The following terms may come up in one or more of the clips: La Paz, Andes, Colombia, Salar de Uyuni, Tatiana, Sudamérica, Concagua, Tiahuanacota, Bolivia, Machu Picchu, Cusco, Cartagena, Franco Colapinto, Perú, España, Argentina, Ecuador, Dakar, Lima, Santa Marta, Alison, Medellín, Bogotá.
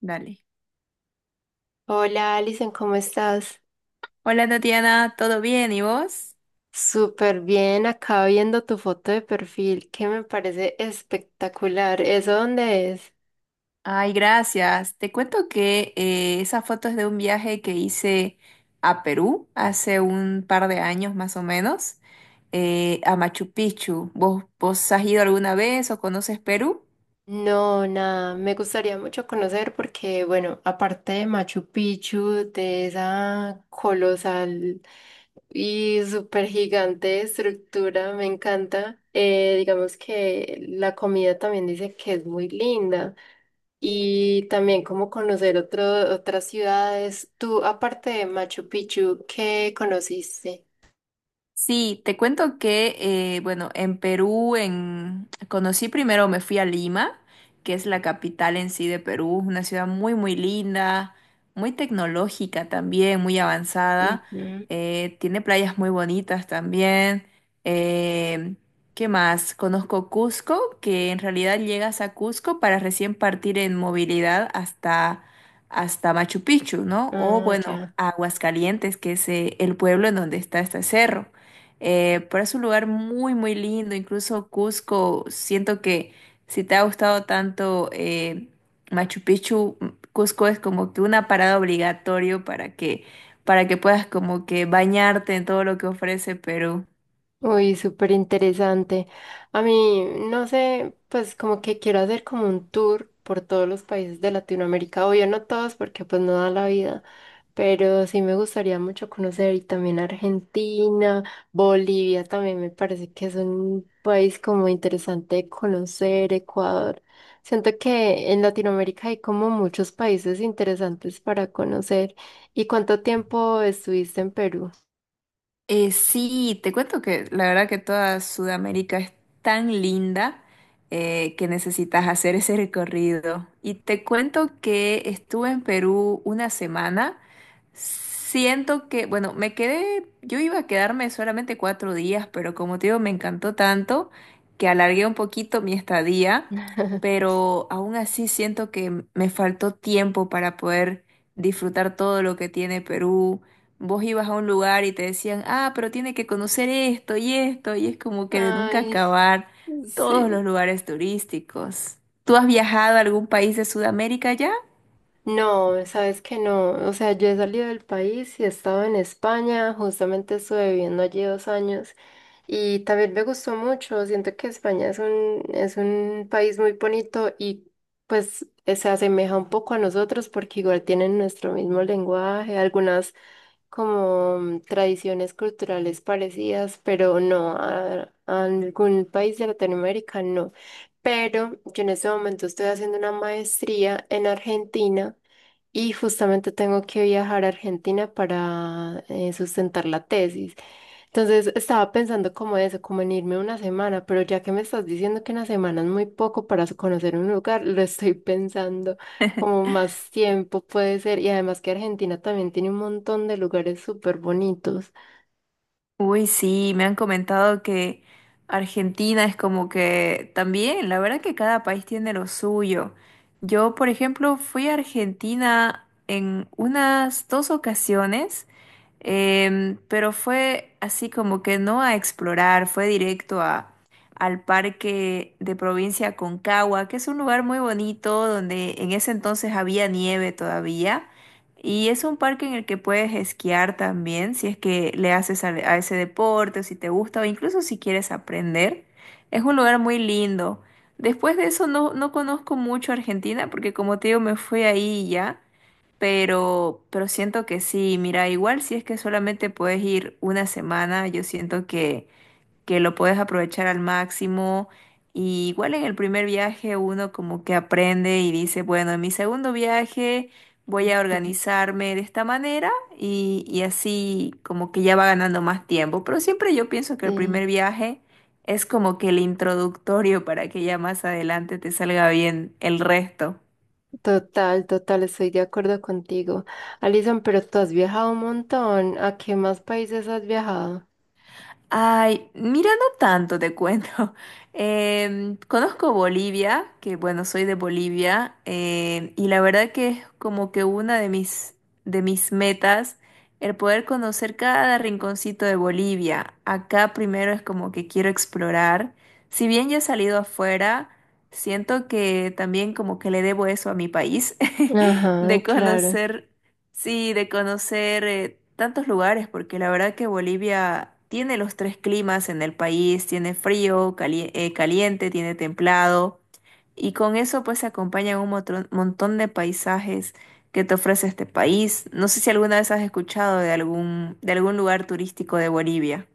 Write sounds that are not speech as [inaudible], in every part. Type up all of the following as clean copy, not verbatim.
Dale. Hola Alison, ¿cómo estás? Hola Tatiana, ¿todo bien? ¿Y vos? Súper bien, acá viendo tu foto de perfil que me parece espectacular. ¿Eso dónde es? Ay, gracias. Te cuento que esa foto es de un viaje que hice a Perú hace un par de años más o menos, a Machu Picchu. ¿Vos has ido alguna vez o conoces Perú? No, nada, me gustaría mucho conocer porque, bueno, aparte de Machu Picchu, de esa colosal y súper gigante estructura, me encanta. Digamos que la comida también dice que es muy linda. Y también como conocer otras ciudades. Tú, aparte de Machu Picchu, ¿qué conociste? Sí, te cuento que, bueno, en Perú conocí primero, me fui a Lima, que es la capital en sí de Perú, una ciudad muy, muy linda, muy tecnológica también, muy avanzada, Ujú. Tiene playas muy bonitas también. eh, ¿Qué más? Conozco Cusco, que en realidad llegas a Cusco para recién partir en movilidad hasta Machu Picchu, ¿no? O Ah, bueno, ya. Aguascalientes, que es el pueblo en donde está este cerro. Pero es un lugar muy, muy lindo. Incluso Cusco, siento que si te ha gustado tanto Machu Picchu, Cusco es como que una parada obligatorio para para que puedas como que bañarte en todo lo que ofrece Perú. Uy, súper interesante. A mí, no sé, pues como que quiero hacer como un tour por todos los países de Latinoamérica. Obvio, no todos porque pues no da la vida, pero sí me gustaría mucho conocer y también Argentina, Bolivia también me parece que es un país como interesante de conocer, Ecuador. Siento que en Latinoamérica hay como muchos países interesantes para conocer. ¿Y cuánto tiempo estuviste en Perú? Sí, te cuento que la verdad que toda Sudamérica es tan linda, que necesitas hacer ese recorrido. Y te cuento que estuve en Perú una semana. Siento que, bueno, me quedé, yo iba a quedarme solamente 4 días, pero como te digo, me encantó tanto que alargué un poquito mi estadía, [laughs] pero aún así siento que me faltó tiempo para poder disfrutar todo lo que tiene Perú. Vos ibas a un lugar y te decían, ah, pero tiene que conocer esto y esto, y es como que de nunca Ay, acabar todos los sí. lugares turísticos. ¿Tú has viajado a algún país de Sudamérica ya? No, sabes que no. O sea, yo he salido del país y he estado en España. Justamente estuve viviendo allí 2 años y también me gustó mucho. Siento que España es es un país muy bonito y pues se asemeja un poco a nosotros porque igual tienen nuestro mismo lenguaje, algunas como tradiciones culturales parecidas, pero no a algún país de Latinoamérica, no. Pero yo en este momento estoy haciendo una maestría en Argentina y justamente tengo que viajar a Argentina para sustentar la tesis. Entonces estaba pensando como eso, como en irme una semana, pero ya que me estás diciendo que una semana es muy poco para conocer un lugar, lo estoy [laughs] pensando como más tiempo puede ser. Y además que Argentina también tiene un montón de lugares súper bonitos. Uy, sí, me han comentado que Argentina es como que también, la verdad que cada país tiene lo suyo. Yo, por ejemplo, fui a Argentina en unas dos ocasiones, pero fue así como que no a explorar, fue directo al parque de provincia Concagua, que es un lugar muy bonito donde en ese entonces había nieve todavía. Y es un parque en el que puedes esquiar también, si es que le haces ese deporte, o si te gusta, o incluso si quieres aprender. Es un lugar muy lindo. Después de eso no, no conozco mucho Argentina, porque como te digo, me fui ahí y ya. Pero siento que sí, mira, igual si es que solamente puedes ir una semana, yo siento que lo puedes aprovechar al máximo. Y igual en el primer viaje uno como que aprende y dice, bueno, en mi segundo viaje voy a organizarme de esta manera y así como que ya va ganando más tiempo. Pero siempre yo pienso que el Sí, primer viaje es como que el introductorio para que ya más adelante te salga bien el resto. total, estoy de acuerdo contigo. Alison, pero tú has viajado un montón. ¿A qué más países has viajado? Ay, mira, no tanto te cuento. [laughs] Conozco Bolivia, que bueno, soy de Bolivia, y la verdad que es como que una de mis metas el poder conocer cada rinconcito de Bolivia. Acá primero es como que quiero explorar. Si bien ya he salido afuera, siento que también como que le debo eso a mi país, [laughs] Ajá, de claro. conocer. Sí, de conocer, tantos lugares, porque la verdad que Bolivia tiene los tres climas en el país, tiene frío, caliente, tiene templado, y con eso pues se acompañan un montón de paisajes que te ofrece este país. No sé si alguna vez has escuchado de de algún lugar turístico de Bolivia.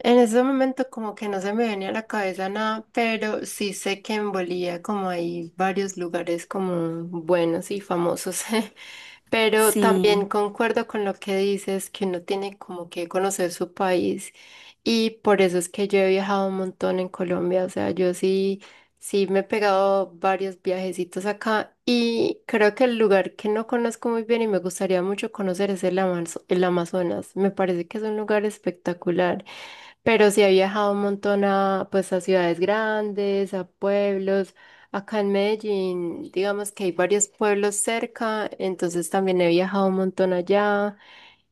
En ese momento como que no se me venía a la cabeza nada, pero sí sé que en Bolivia como hay varios lugares como buenos y famosos, [laughs] pero también Sí. concuerdo con lo que dices, que uno tiene como que conocer su país y por eso es que yo he viajado un montón en Colombia, o sea, sí me he pegado varios viajecitos acá y creo que el lugar que no conozco muy bien y me gustaría mucho conocer es el Amazonas, me parece que es un lugar espectacular. Pero sí he viajado un montón pues, a ciudades grandes, a pueblos. Acá en Medellín, digamos que hay varios pueblos cerca, entonces también he viajado un montón allá.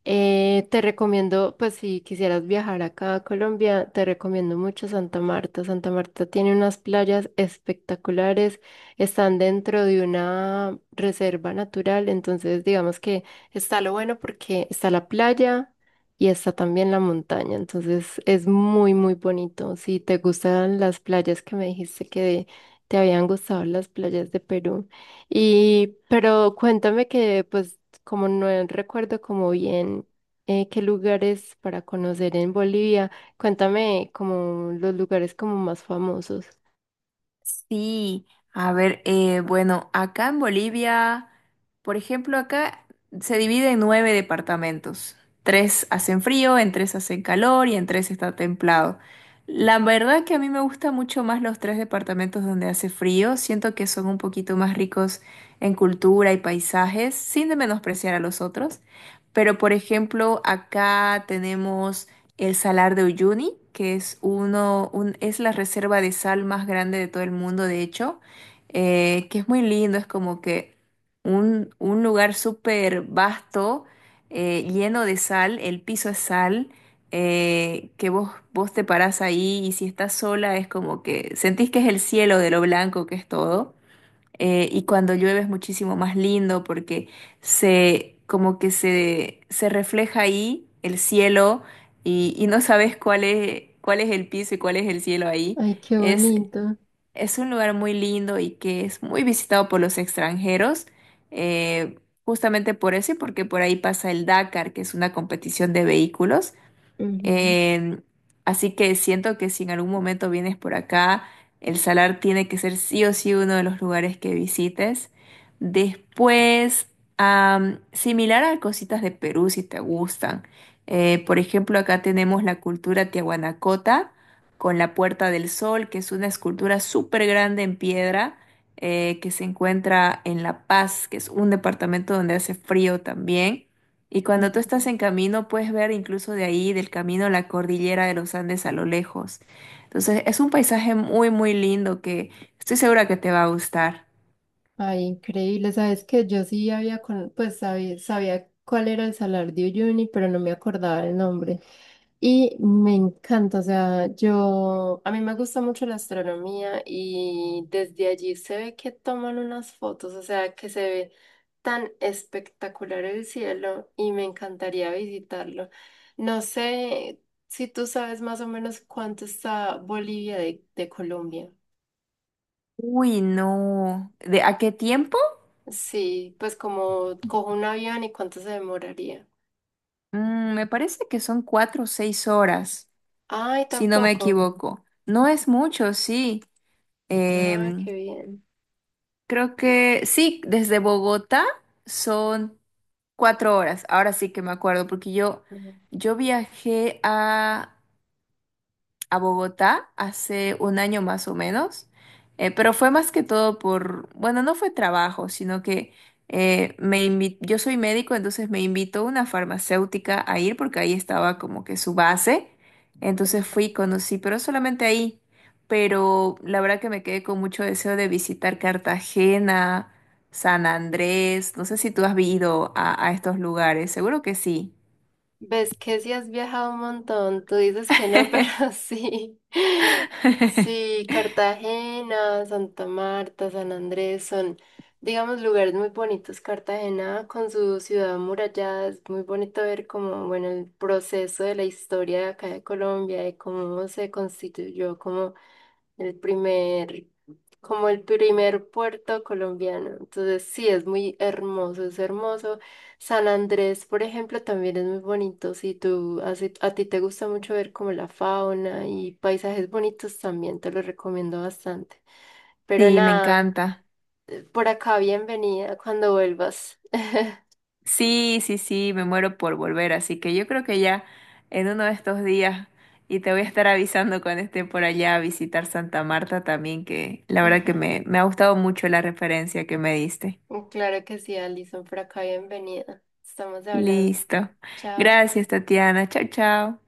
Te recomiendo, pues si quisieras viajar acá a Colombia, te recomiendo mucho Santa Marta. Santa Marta tiene unas playas espectaculares, están dentro de una reserva natural, entonces digamos que está lo bueno porque está la playa y está también la montaña, entonces es muy, muy bonito. Si te gustan las playas, que me dijiste que te habían gustado las playas de Perú. Y, pero cuéntame que pues como no recuerdo como bien qué lugares para conocer en Bolivia, cuéntame como los lugares como más famosos. Sí, a ver, bueno, acá en Bolivia, por ejemplo, acá se divide en 9 departamentos. Tres hacen frío, en tres hacen calor y en tres está templado. La verdad que a mí me gustan mucho más los tres departamentos donde hace frío. Siento que son un poquito más ricos en cultura y paisajes, sin de menospreciar a los otros. Pero, por ejemplo, acá tenemos el Salar de Uyuni, que es es la reserva de sal más grande de todo el mundo, de hecho, que es muy lindo, es como que un lugar súper vasto, lleno de sal, el piso es sal, que vos te parás ahí y si estás sola es como que sentís que es el cielo de lo blanco que es todo. Y cuando llueve es muchísimo más lindo porque como que se refleja ahí el cielo y no sabes cuál es el piso y cuál es el cielo ahí. Ay, qué Es, bonito. es un lugar muy lindo y que es muy visitado por los extranjeros, eh, justamente por eso y porque por ahí pasa el Dakar, que es una competición de vehículos. Ujú, Eh, Así que siento que si en algún momento vienes por acá, el Salar tiene que ser sí o sí uno de los lugares que visites. Después, similar a cositas de Perú si te gustan. Por ejemplo, acá tenemos la cultura Tiahuanacota con la Puerta del Sol, que es una escultura súper grande en piedra, que se encuentra en La Paz, que es un departamento donde hace frío también. Y cuando tú estás ujú. en camino, puedes ver incluso de ahí, del camino, la cordillera de los Andes a lo lejos. Entonces, es un paisaje muy, muy lindo que estoy segura que te va a gustar. Ay, increíble. Sabes que yo sí pues sabía cuál era el Salar de Uyuni, pero no me acordaba el nombre. Y me encanta, o sea, yo, a mí me gusta mucho la astronomía y desde allí se ve que toman unas fotos, o sea, que se ve tan espectacular el cielo y me encantaría visitarlo. No sé si tú sabes más o menos cuánto está Bolivia de Colombia. Uy, no. ¿De a qué tiempo? Sí, pues como cojo un avión y cuánto se demoraría. Me parece que son 4 o 6 horas, Ay, si no me tampoco. equivoco. No es mucho, sí. Ay, Em, qué bien. Creo que sí, desde Bogotá son 4 horas. Ahora sí que me acuerdo, porque yo viajé a Bogotá hace un año más o menos, pero fue más que todo por, bueno, no fue trabajo, sino que yo soy médico, entonces me invitó una farmacéutica a ir porque ahí estaba como que su base, entonces fui y conocí, pero solamente ahí, pero la verdad que me quedé con mucho deseo de visitar Cartagena, San Andrés, no sé si tú has ido a estos lugares, seguro que sí. Ves que sí has viajado un montón, tú dices que no, [laughs] pero [laughs] sí. Sí, Cartagena, Santa Marta, San Andrés son, digamos, lugares muy bonitos. Cartagena con su ciudad amurallada es muy bonito ver como, bueno, el proceso de la historia de acá de Colombia de cómo se constituyó como el primer, como el primer puerto colombiano. Entonces, sí, es muy hermoso, es hermoso. San Andrés, por ejemplo, también es muy bonito. Si a ti te gusta mucho ver como la fauna y paisajes bonitos, también te lo recomiendo bastante. Pero Sí, me nada, encanta. por acá bienvenida cuando vuelvas. Sí, sí, sí, me muero por volver, así que yo creo que ya en uno de estos días y te voy a estar avisando cuando esté por allá a visitar Santa Marta también, que la verdad que me, [laughs] me ha gustado mucho la referencia que me diste. Ujú. Claro que sí, Alison, por acá bienvenida. Estamos hablando. Listo. Chao. Gracias, Tatiana. Chao, chao.